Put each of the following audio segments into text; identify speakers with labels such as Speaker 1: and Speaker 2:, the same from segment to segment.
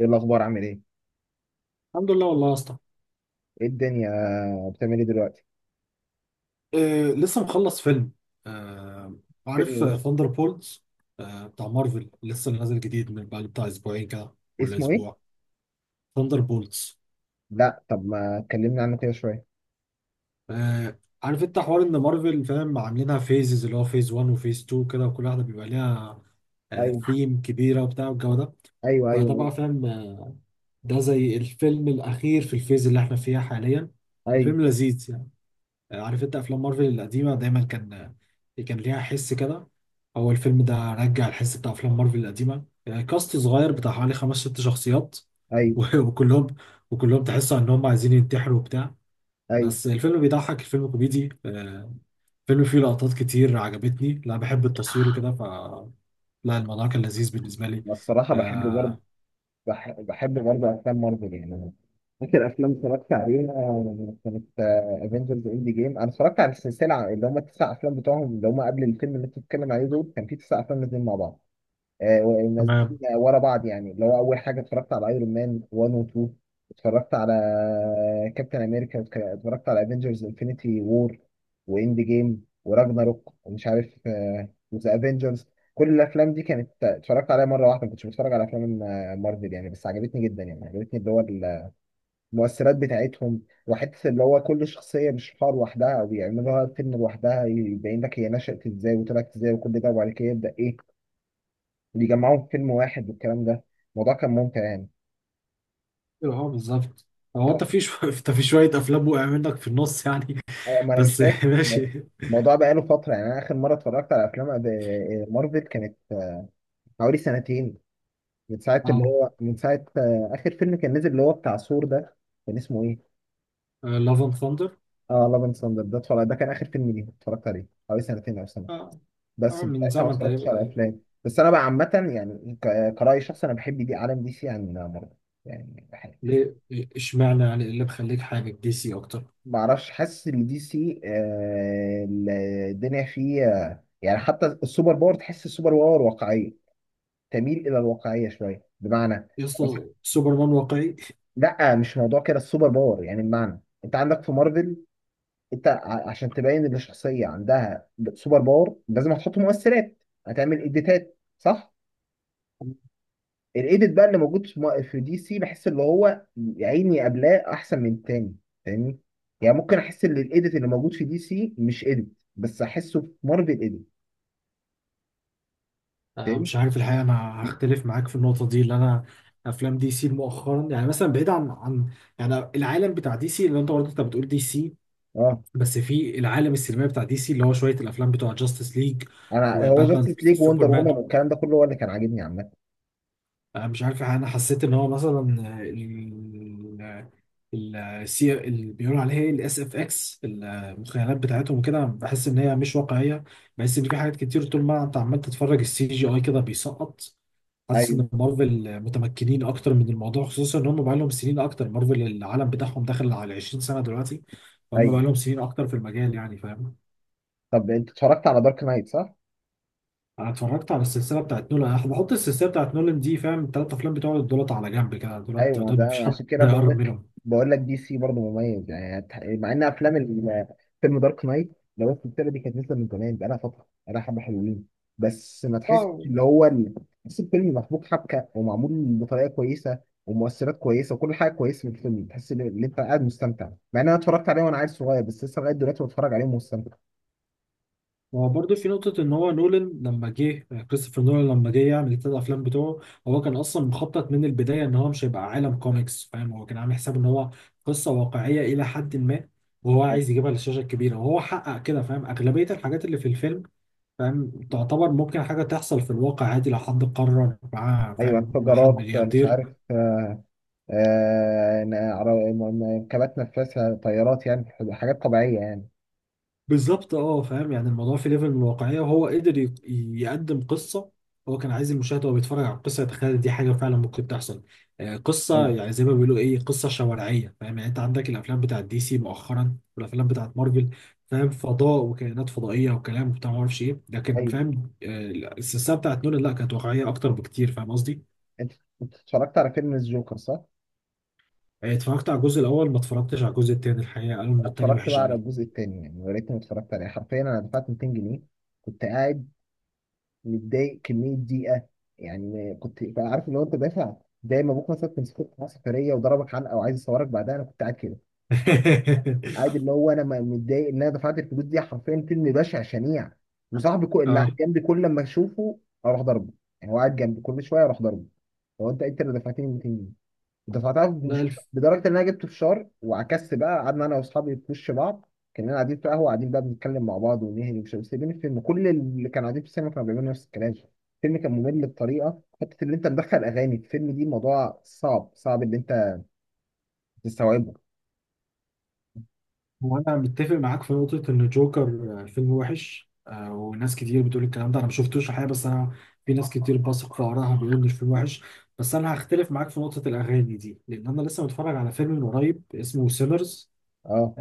Speaker 1: ايه الاخبار، عامل ايه؟
Speaker 2: الحمد لله والله يا اسطى.
Speaker 1: ايه الدنيا؟ بتعمل ايه دلوقتي؟
Speaker 2: لسه مخلص فيلم. آه،
Speaker 1: فيلم
Speaker 2: عارف
Speaker 1: ايه؟
Speaker 2: ثاندر بولز؟ آه، Thunderbolts؟ آه، بتاع مارفل لسه نازل جديد من بعد بتاع اسبوعين كده ولا
Speaker 1: اسمه ايه؟
Speaker 2: اسبوع. ثاندر بولز.
Speaker 1: لا، طب ما اتكلمنا عنه كده شويه.
Speaker 2: آه، عارف انت حوار ان مارفل فاهم عاملينها فيزز اللي هو فيز 1 وفيز 2 كده، وكل واحده بيبقى ليها
Speaker 1: ايوه،
Speaker 2: ثيم كبيره وبتاع والجو ده.
Speaker 1: ايوه، ايوه،
Speaker 2: فده
Speaker 1: ايوه،
Speaker 2: بقى فاهم. ده زي الفيلم الاخير في الفيز اللي احنا فيها حاليا.
Speaker 1: ايوه،
Speaker 2: الفيلم لذيذ يعني. عارف انت افلام مارفل القديمه دايما كان ليها حس كده. هو الفيلم ده رجع الحس بتاع افلام مارفل القديمه، يعني كاست صغير بتاع حوالي خمس ست شخصيات
Speaker 1: ايوه،
Speaker 2: و- وكلهم وكلهم تحسوا ان هم عايزين ينتحروا وبتاع.
Speaker 1: ايوه.
Speaker 2: بس الفيلم بيضحك، الفيلم كوميدي. الفيلم فيه لقطات كتير عجبتني، لا بحب التصوير وكده لا، الموضوع كان لذيذ بالنسبه لي.
Speaker 1: أنا الصراحه بحب برضه.
Speaker 2: آه،
Speaker 1: بحب برضه افلام مارفل يعني. فاكر افلام اتفرجت عليها، كانت افنجرز اند جيم. انا اتفرجت على السلسله اللي هم التسع افلام بتوعهم اللي هم قبل الفيلم اللي انت بتتكلم عليه، دول كان في تسع افلام نازلين مع بعض. ونازلين
Speaker 2: تمام.
Speaker 1: ورا بعض، يعني اللي هو اول حاجه اتفرجت على ايرون مان 1 و 2. اتفرجت على كابتن امريكا، اتفرجت على افنجرز انفينيتي وور واند جيم وراجناروك ومش عارف، وذا افنجرز. كل الافلام دي كانت اتفرجت عليها مره واحده، ما كنتش بتفرج على افلام مارفل يعني، بس عجبتني جدا. يعني عجبتني اللي هو المؤثرات بتاعتهم، وحته اللي هو كل شخصيه مش حوار لوحدها، او بيعملوها فيلم لوحدها يبين لك هي نشأت ازاي وطلعت ازاي وكل ده، وبعد كده يبدأ ايه بيجمعوهم في فيلم واحد والكلام ده. الموضوع كان ممتع يعني.
Speaker 2: اه، بالظبط. هو انت في انت في شويه افلام وقع منك في النص يعني.
Speaker 1: ما انا مش
Speaker 2: بس
Speaker 1: فاكر.
Speaker 2: ماشي.
Speaker 1: الموضوع بقاله فتره، يعني انا اخر مره اتفرجت على افلام مارفل كانت حوالي سنتين، من ساعه اللي
Speaker 2: اه،
Speaker 1: هو من ساعه آه، اخر فيلم كان نزل اللي هو بتاع ثور ده. كان اسمه ايه؟
Speaker 2: لاف اند ثاندر.
Speaker 1: اه، لاف اند ثاندر. ده ده كان اخر فيلم ليه اتفرجت عليه، حوالي سنتين او سنه
Speaker 2: اه.
Speaker 1: بس.
Speaker 2: آه، من
Speaker 1: بتاعتها ما
Speaker 2: زمن
Speaker 1: اتفرجتش على
Speaker 2: تقريبا.
Speaker 1: افلام، بس انا بقى عامه يعني، كرأي شخص انا بحب دي، عالم دي سي عن مارفل يعني.
Speaker 2: ليه؟ اشمعنى يعني، إيه اللي مخليك حابب دي سي اكتر؟
Speaker 1: معرفش، حاسس ان دي سي الدنيا فيه يعني حتى السوبر باور، تحس السوبر باور واقعيه، تميل الى الواقعيه شويه. بمعنى
Speaker 2: يا
Speaker 1: مثلا،
Speaker 2: اسطى، سوبرمان واقعي؟
Speaker 1: لا مش موضوع كده، السوبر باور يعني بمعنى انت عندك في مارفل، انت عشان تبين ان الشخصيه عندها سوبر باور، لازم هتحط مؤثرات، هتعمل اديتات، صح؟ الايديت بقى اللي موجود في دي سي، بحس اللي هو يا عيني، قبلاه احسن من التاني، فاهمني؟ يعني ممكن احس ان الايديت اللي موجود في دي سي مش ايديت، بس احسه في مارفل ايديت.
Speaker 2: آه،
Speaker 1: فاهمني؟
Speaker 2: مش عارف الحقيقه، انا هختلف معاك في النقطه دي اللي انا. افلام دي سي مؤخرا يعني، مثلا بعيد عن يعني العالم بتاع دي سي اللي انت بتقول دي سي،
Speaker 1: اه،
Speaker 2: بس في العالم السينمائي بتاع دي سي اللي هو شويه الافلام بتوع جاستس ليج
Speaker 1: انا هو
Speaker 2: وباتمان
Speaker 1: جاستس ليج، وندر وومن
Speaker 2: سوبرمان.
Speaker 1: والكلام ده كله هو اللي كان عاجبني عامه.
Speaker 2: آه، مش عارف الحقيقة، انا حسيت ان هو مثلا السي اللي بيقولوا عليها ايه، الاس اف اكس في المخيلات بتاعتهم وكده، بحس ان هي مش واقعيه. بحس ان في حاجات كتير طول ما انت عمال تتفرج السي جي اي كده بيسقط. حاسس
Speaker 1: ايوه،
Speaker 2: ان مارفل متمكنين اكتر من الموضوع، خصوصا ان هم بقى لهم سنين اكتر، مارفل العالم بتاعهم داخل على 20 سنه دلوقتي. فهم بقى
Speaker 1: ايوه.
Speaker 2: لهم سنين اكتر في المجال، يعني فاهم.
Speaker 1: طب انت اتفرجت على دارك نايت، صح؟
Speaker 2: انا اتفرجت على السلسله بتاعت نولان، انا بحط السلسله بتاعت نولان دي، فاهم الثلاث افلام بتوع دولت على جنب كده،
Speaker 1: ايوه،
Speaker 2: دولت
Speaker 1: ما
Speaker 2: دول
Speaker 1: ده
Speaker 2: مفيش حد
Speaker 1: عشان كده بقول
Speaker 2: هيقرب
Speaker 1: لك، بقول لك دي سي برضه مميز يعني. مع ان افلام فيلم دارك نايت، لو السلسله دي كانت نازله من زمان بقالها فتره، بقالها حبه حلوين. بس ما تحسش اللي
Speaker 2: منهم.
Speaker 1: هو تحس الفيلم محبوك حبكه، ومعمول بطريقه كويسه، ومؤثرات كويسه، وكل حاجه كويسه في الفيلم، تحس إن انت قاعد مستمتع. مع ان انا اتفرجت عليه وانا عيل صغير، بس لسه لغايه دلوقتي بتفرج عليه ومستمتع.
Speaker 2: هو برضه في نقطة إن هو نولان لما جه، كريستوفر نولان لما جه يعمل التلات أفلام بتوعه، هو كان أصلا مخطط من البداية إن هو مش هيبقى عالم كوميكس، فاهم هو كان عامل حساب إن هو قصة واقعية إلى حد ما، وهو عايز يجيبها للشاشة الكبيرة وهو حقق كده، فاهم أغلبية الحاجات اللي في الفيلم فاهم تعتبر ممكن حاجة تحصل في الواقع عادي لو حد قرر معاه،
Speaker 1: ايوه،
Speaker 2: فاهم هو حد
Speaker 1: انفجارات مش
Speaker 2: ملياردير.
Speaker 1: عارف كبات نفاثه، طيارات يعني، حاجات طبيعيه يعني.
Speaker 2: بالظبط اه، فاهم يعني الموضوع في ليفل من الواقعية، وهو قدر يقدم قصة. هو كان عايز المشاهد وهو بيتفرج على القصة يتخيل دي حاجة فعلا ممكن تحصل. آه، قصة يعني زي ما بيقولوا ايه، قصة شوارعية، فاهم يعني انت عندك الافلام بتاعت دي سي مؤخرا والافلام بتاعت مارفل، فاهم فضاء وكائنات فضائية وكلام وبتاع ما اعرفش ايه، لكن
Speaker 1: ايوه.
Speaker 2: فاهم آه، السلسلة بتاعت نولان لا كانت واقعية اكتر بكتير، فاهم قصدي.
Speaker 1: انت انت اتفرجت على فيلم الجوكر، صح؟
Speaker 2: آه، اتفرجت على الجزء الاول، ما اتفرجتش على الجزء التاني، الحقيقة قالوا ان
Speaker 1: أنا
Speaker 2: التاني
Speaker 1: اتفرجت
Speaker 2: وحش
Speaker 1: بقى على
Speaker 2: قوي.
Speaker 1: الجزء التاني، يعني يا ريتني ما اتفرجت عليه. حرفيا انا دفعت 200 جنيه. كنت قاعد متضايق كميه ضيقه، يعني كنت بقى عارف اللي هو انت دافع، زي ما ابوك مثلا كان مسكوك في سفريه وضربك حلقه وعايز يصورك بعدها. انا كنت قاعد كده، قاعد اللي هو انا متضايق ان انا دفعت الفلوس دي. حرفيا فيلم بشع شنيع. وصاحبي اللي قاعد
Speaker 2: اه.
Speaker 1: جنبي، كل لما اشوفه اروح ضربه، يعني هو قاعد جنبي كل شويه اروح ضربه. هو انت اللي دفعتني 200 جنيه دفعتها.
Speaker 2: لا،
Speaker 1: مش لدرجه ان انا جبت فشار، وعكست بقى قعدنا انا واصحابي في وش بعض. كنا قاعدين في قهوه، قاعدين بقى بنتكلم مع بعض ونهري ومش عارف، إيه، سايبين الفيلم. كل اللي كانوا قاعدين في السينما كانوا بيعملوا نفس الكلام. الفيلم كان ممل بطريقه، حته اللي انت مدخل اغاني في الفيلم دي، موضوع صعب، صعب اللي انت تستوعبه.
Speaker 2: هو انا متفق معاك في نقطه ان جوكر آه، فيلم وحش آه، وناس كتير بتقول الكلام ده، انا ما شفتوش الحقيقه، بس انا في ناس كتير بثق في ارائها بيقولوا ان الفيلم وحش. بس انا هختلف معاك في نقطه الاغاني دي، لان انا لسه متفرج على فيلم من قريب اسمه سيلرز.
Speaker 1: اه،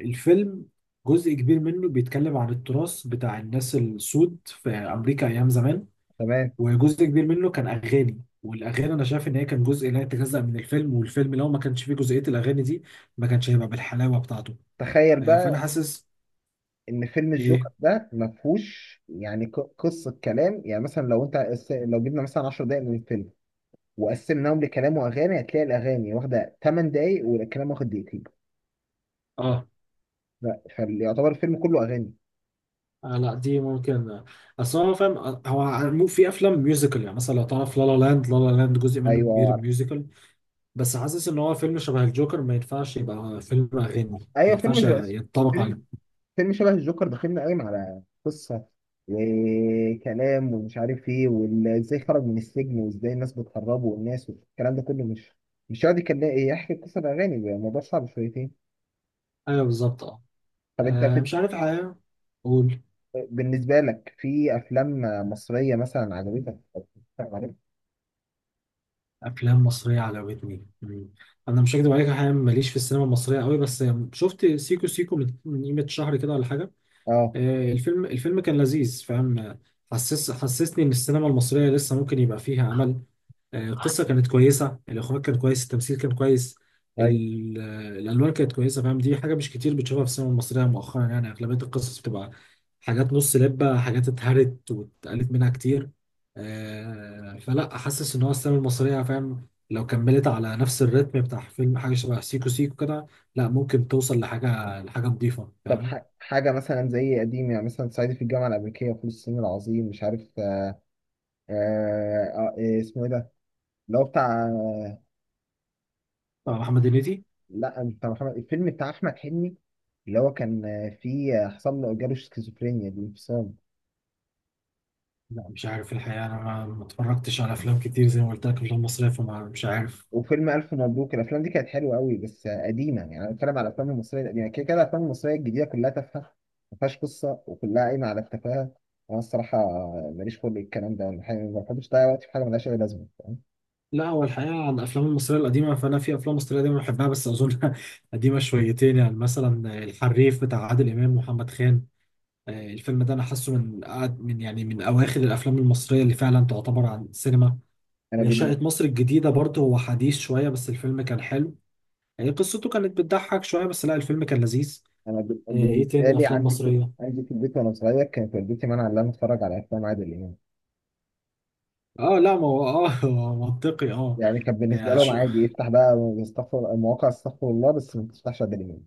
Speaker 2: الفيلم جزء كبير منه بيتكلم عن التراث بتاع الناس السود في امريكا ايام زمان.
Speaker 1: تمام.
Speaker 2: وجزء كبير منه كان اغاني، والاغاني انا شايف ان هي كان جزء لا يتجزأ من الفيلم، والفيلم لو ما كانش فيه جزئيه الاغاني دي ما كانش هيبقى بالحلاوه بتاعته.
Speaker 1: تخيل
Speaker 2: آه، فانا
Speaker 1: بقى
Speaker 2: حاسس.
Speaker 1: ان فيلم الجوكر
Speaker 2: ايه.
Speaker 1: ده ما فيهوش يعني قصه كلام. يعني مثلا لو انت لو جبنا مثلا 10 دقائق من الفيلم وقسمناهم لكلام واغاني، هتلاقي الاغاني واخده 8 دقائق والكلام واخد دقيقتين.
Speaker 2: اه.
Speaker 1: لا، فيعتبر الفيلم كله اغاني.
Speaker 2: آه، لا دي ممكن آه، اصل هو فاهم آه، هو في افلام ميوزيكال، يعني مثلا لو تعرف لا لا لاند، لا لا لاند جزء منه كبير
Speaker 1: ايوه،
Speaker 2: ميوزيكال. بس حاسس ان هو فيلم شبه الجوكر ما ينفعش يبقى فيلم اغاني. ما
Speaker 1: ايوه. فيلم
Speaker 2: ينفعش
Speaker 1: جو...
Speaker 2: ينطبق
Speaker 1: فيلم
Speaker 2: عليه.
Speaker 1: فيلم شبه الجوكر بخيلنا قايم على قصه، وكلام ومش عارف ايه، وازاي خرج من السجن، وازاي الناس بتهربه، والناس والكلام ده كله، مش مش هيقعد يكلم، يحكي قصه الاغاني؟ الموضوع صعب شويتين.
Speaker 2: ايوه بالظبط اه.
Speaker 1: طب انت
Speaker 2: آه،
Speaker 1: في...
Speaker 2: مش عارف حاجه. قول.
Speaker 1: بالنسبه لك في افلام مصريه مثلا عجبتك أو بتتفرج عليها؟
Speaker 2: افلام مصريه عجبتني. انا مش هكدب عليك حاجه، ماليش في السينما المصريه قوي، بس شفت سيكو سيكو من قيمه شهر كده ولا حاجه.
Speaker 1: اه،
Speaker 2: آه، الفيلم كان لذيذ فاهم آه، حسسني ان السينما المصريه لسه ممكن يبقى فيها امل. آه، القصه كانت كويسه، الاخراج كان كويس، التمثيل كان كويس،
Speaker 1: ايوه.
Speaker 2: آه، الالوان كانت كويسه، فاهم دي حاجه مش كتير بتشوفها في السينما المصريه مؤخرا، يعني اغلبيه القصص بتبقى حاجات نص لبه، حاجات اتهرت واتقالت منها كتير. آه، فلا، حاسس ان هو السينما المصريه فاهم لو كملت على نفس الريتم بتاع فيلم حاجه شبه سيكو سيكو كده، لا ممكن توصل لحاجه نظيفه،
Speaker 1: طب
Speaker 2: فاهم.
Speaker 1: ح... حاجه مثلا زي قديم، يعني مثلا صعيدي في الجامعه الامريكيه، وفول الصين العظيم، مش عارف إيه اسمه، ايه ده اللي هو بتاع؟
Speaker 2: آه، محمد هنيدي.
Speaker 1: لا مش بتاع محمد، الفيلم بتاع احمد حلمي، اللي هو كان فيه آه، حصل له جاله شيزوفرينيا، الانفصام.
Speaker 2: لا مش عارف الحقيقة، أنا ما اتفرجتش على أفلام كتير زي ما قلت لك، أفلام مصرية، فما مش عارف.
Speaker 1: وفيلم الف مبروك. الافلام دي كانت حلوه قوي، بس قديمه يعني، انا بتكلم على الافلام المصريه القديمه، كده كده الافلام المصريه الجديده كلها تافهه، ما فيهاش قصه وكلها قايمه على التفاهه. انا الصراحه ماليش خلق الكلام ده. أنا ما بحبش اضيع وقتي في حاجه ملهاش اي لازمه، فاهم؟
Speaker 2: لا هو الحقيقة على الأفلام المصرية القديمة، فأنا في أفلام مصرية قديمة بحبها، بس أظن قديمة شويتين، يعني مثلا الحريف بتاع عادل إمام ومحمد خان. آه، الفيلم ده أنا حاسه من من يعني من أواخر الأفلام المصرية اللي فعلا تعتبر عن السينما.
Speaker 1: انا
Speaker 2: آه،
Speaker 1: بالن-
Speaker 2: شقة مصر الجديدة برضه هو حديث شوية، بس الفيلم كان حلو. آه، قصته كانت بتضحك شوية، بس لا الفيلم كان لذيذ.
Speaker 1: انا بال-
Speaker 2: آه، إيه
Speaker 1: بالنسبه
Speaker 2: تاني
Speaker 1: لي،
Speaker 2: أفلام
Speaker 1: عندي في،
Speaker 2: مصرية؟
Speaker 1: عندي في البيت وانا صغير كانت والدتي مانعه ان انا اتفرج على افلام عادل امام.
Speaker 2: آه، لا ما هو آه هو منطقي آه.
Speaker 1: يعني كان بالنسبة
Speaker 2: آه،
Speaker 1: لهم عادي افتح بقى استغفر مواقع، استغفر الله، بس ما تفتحش ادري مين.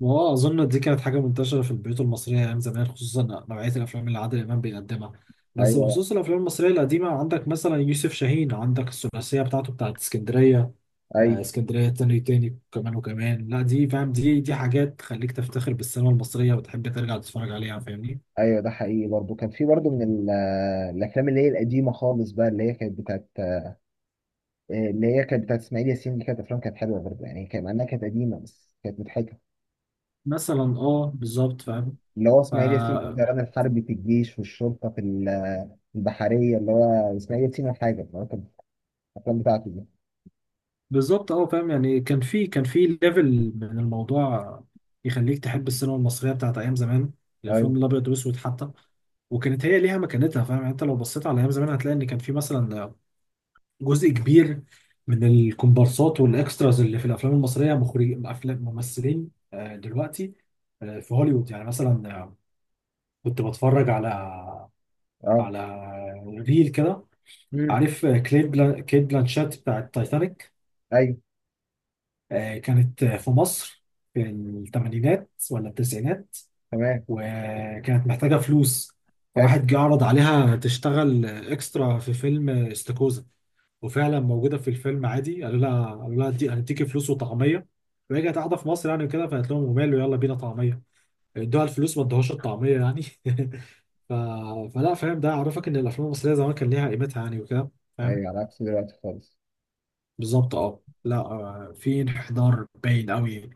Speaker 2: واه اظن دي كانت حاجه منتشره في البيوت المصريه ايام زمان، خصوصا نوعيه الافلام اللي عادل امام بيقدمها. بس
Speaker 1: ايوه،
Speaker 2: بخصوص الافلام المصريه القديمه، عندك مثلا يوسف شاهين، عندك الثلاثيه بتاعته بتاعت اسكندريه. آه،
Speaker 1: ايوه،
Speaker 2: اسكندريه تاني تاني كمان وكمان، لا دي فاهم دي حاجات تخليك تفتخر بالسينما المصريه وتحب ترجع تتفرج عليها، فاهمني.
Speaker 1: ايوه. ده حقيقي برضو، كان في برضو من الافلام اللي هي القديمه خالص بقى، اللي هي كانت بتاعت اسماعيل ياسين. دي كانت افلام كانت حلوه برضو، يعني كان مع انها كانت قديمه بس كانت مضحكه.
Speaker 2: مثلا اه بالظبط فاهم.
Speaker 1: اللي هو اسماعيل ياسين في الطيران الحربي، في الجيش والشرطه، في البحريه، اللي هو اسماعيل ياسين. الحاجه اللي هو كانت الافلام بتاعته دي.
Speaker 2: بالظبط اه، فاهم يعني كان في كان في ليفل من الموضوع يخليك تحب السينما المصريه بتاعت ايام زمان،
Speaker 1: ايوه،
Speaker 2: الافلام الابيض والاسود حتى، وكانت هي ليها مكانتها. فاهم يعني انت لو بصيت على ايام زمان هتلاقي ان كان في مثلا جزء كبير من الكومبارسات والاكستراز اللي في الافلام المصريه مخرج افلام ممثلين آه، دلوقتي آه، في هوليوود، يعني مثلا آه، كنت بتفرج على
Speaker 1: اه.
Speaker 2: على ريل كده.
Speaker 1: امم.
Speaker 2: عارف آه، كيت بلانشات بتاعت تايتانيك،
Speaker 1: ايوه،
Speaker 2: آه، كانت في مصر في الثمانينات ولا التسعينات،
Speaker 1: تمام،
Speaker 2: وكانت محتاجة فلوس،
Speaker 1: حلو.
Speaker 2: فواحد جه عرض عليها تشتغل اكسترا في فيلم استاكوزا. وفعلا موجودة في الفيلم عادي، قالوا لها دي هنديكي فلوس وطعمية، وهي كانت قاعدة في مصر يعني وكده، فقالت لهم وماله يلا بينا طعمية. ادوها الفلوس، ما ادوهاش الطعمية يعني ف... فلا، فاهم ده عرفك ان الافلام المصرية زمان كان ليها قيمتها يعني وكده، فاهم.
Speaker 1: ايوه، على عكس دلوقتي خالص.
Speaker 2: بالظبط اه، لا آه، في انحدار باين قوي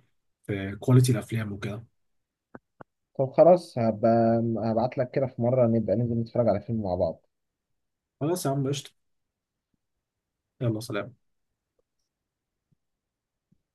Speaker 2: في كواليتي الافلام وكده.
Speaker 1: طب خلاص، هبقى هبعت لك كده في مرة نبقى ننزل نتفرج على فيلم مع بعض.
Speaker 2: خلاص يا عم قشطة. يلا سلام.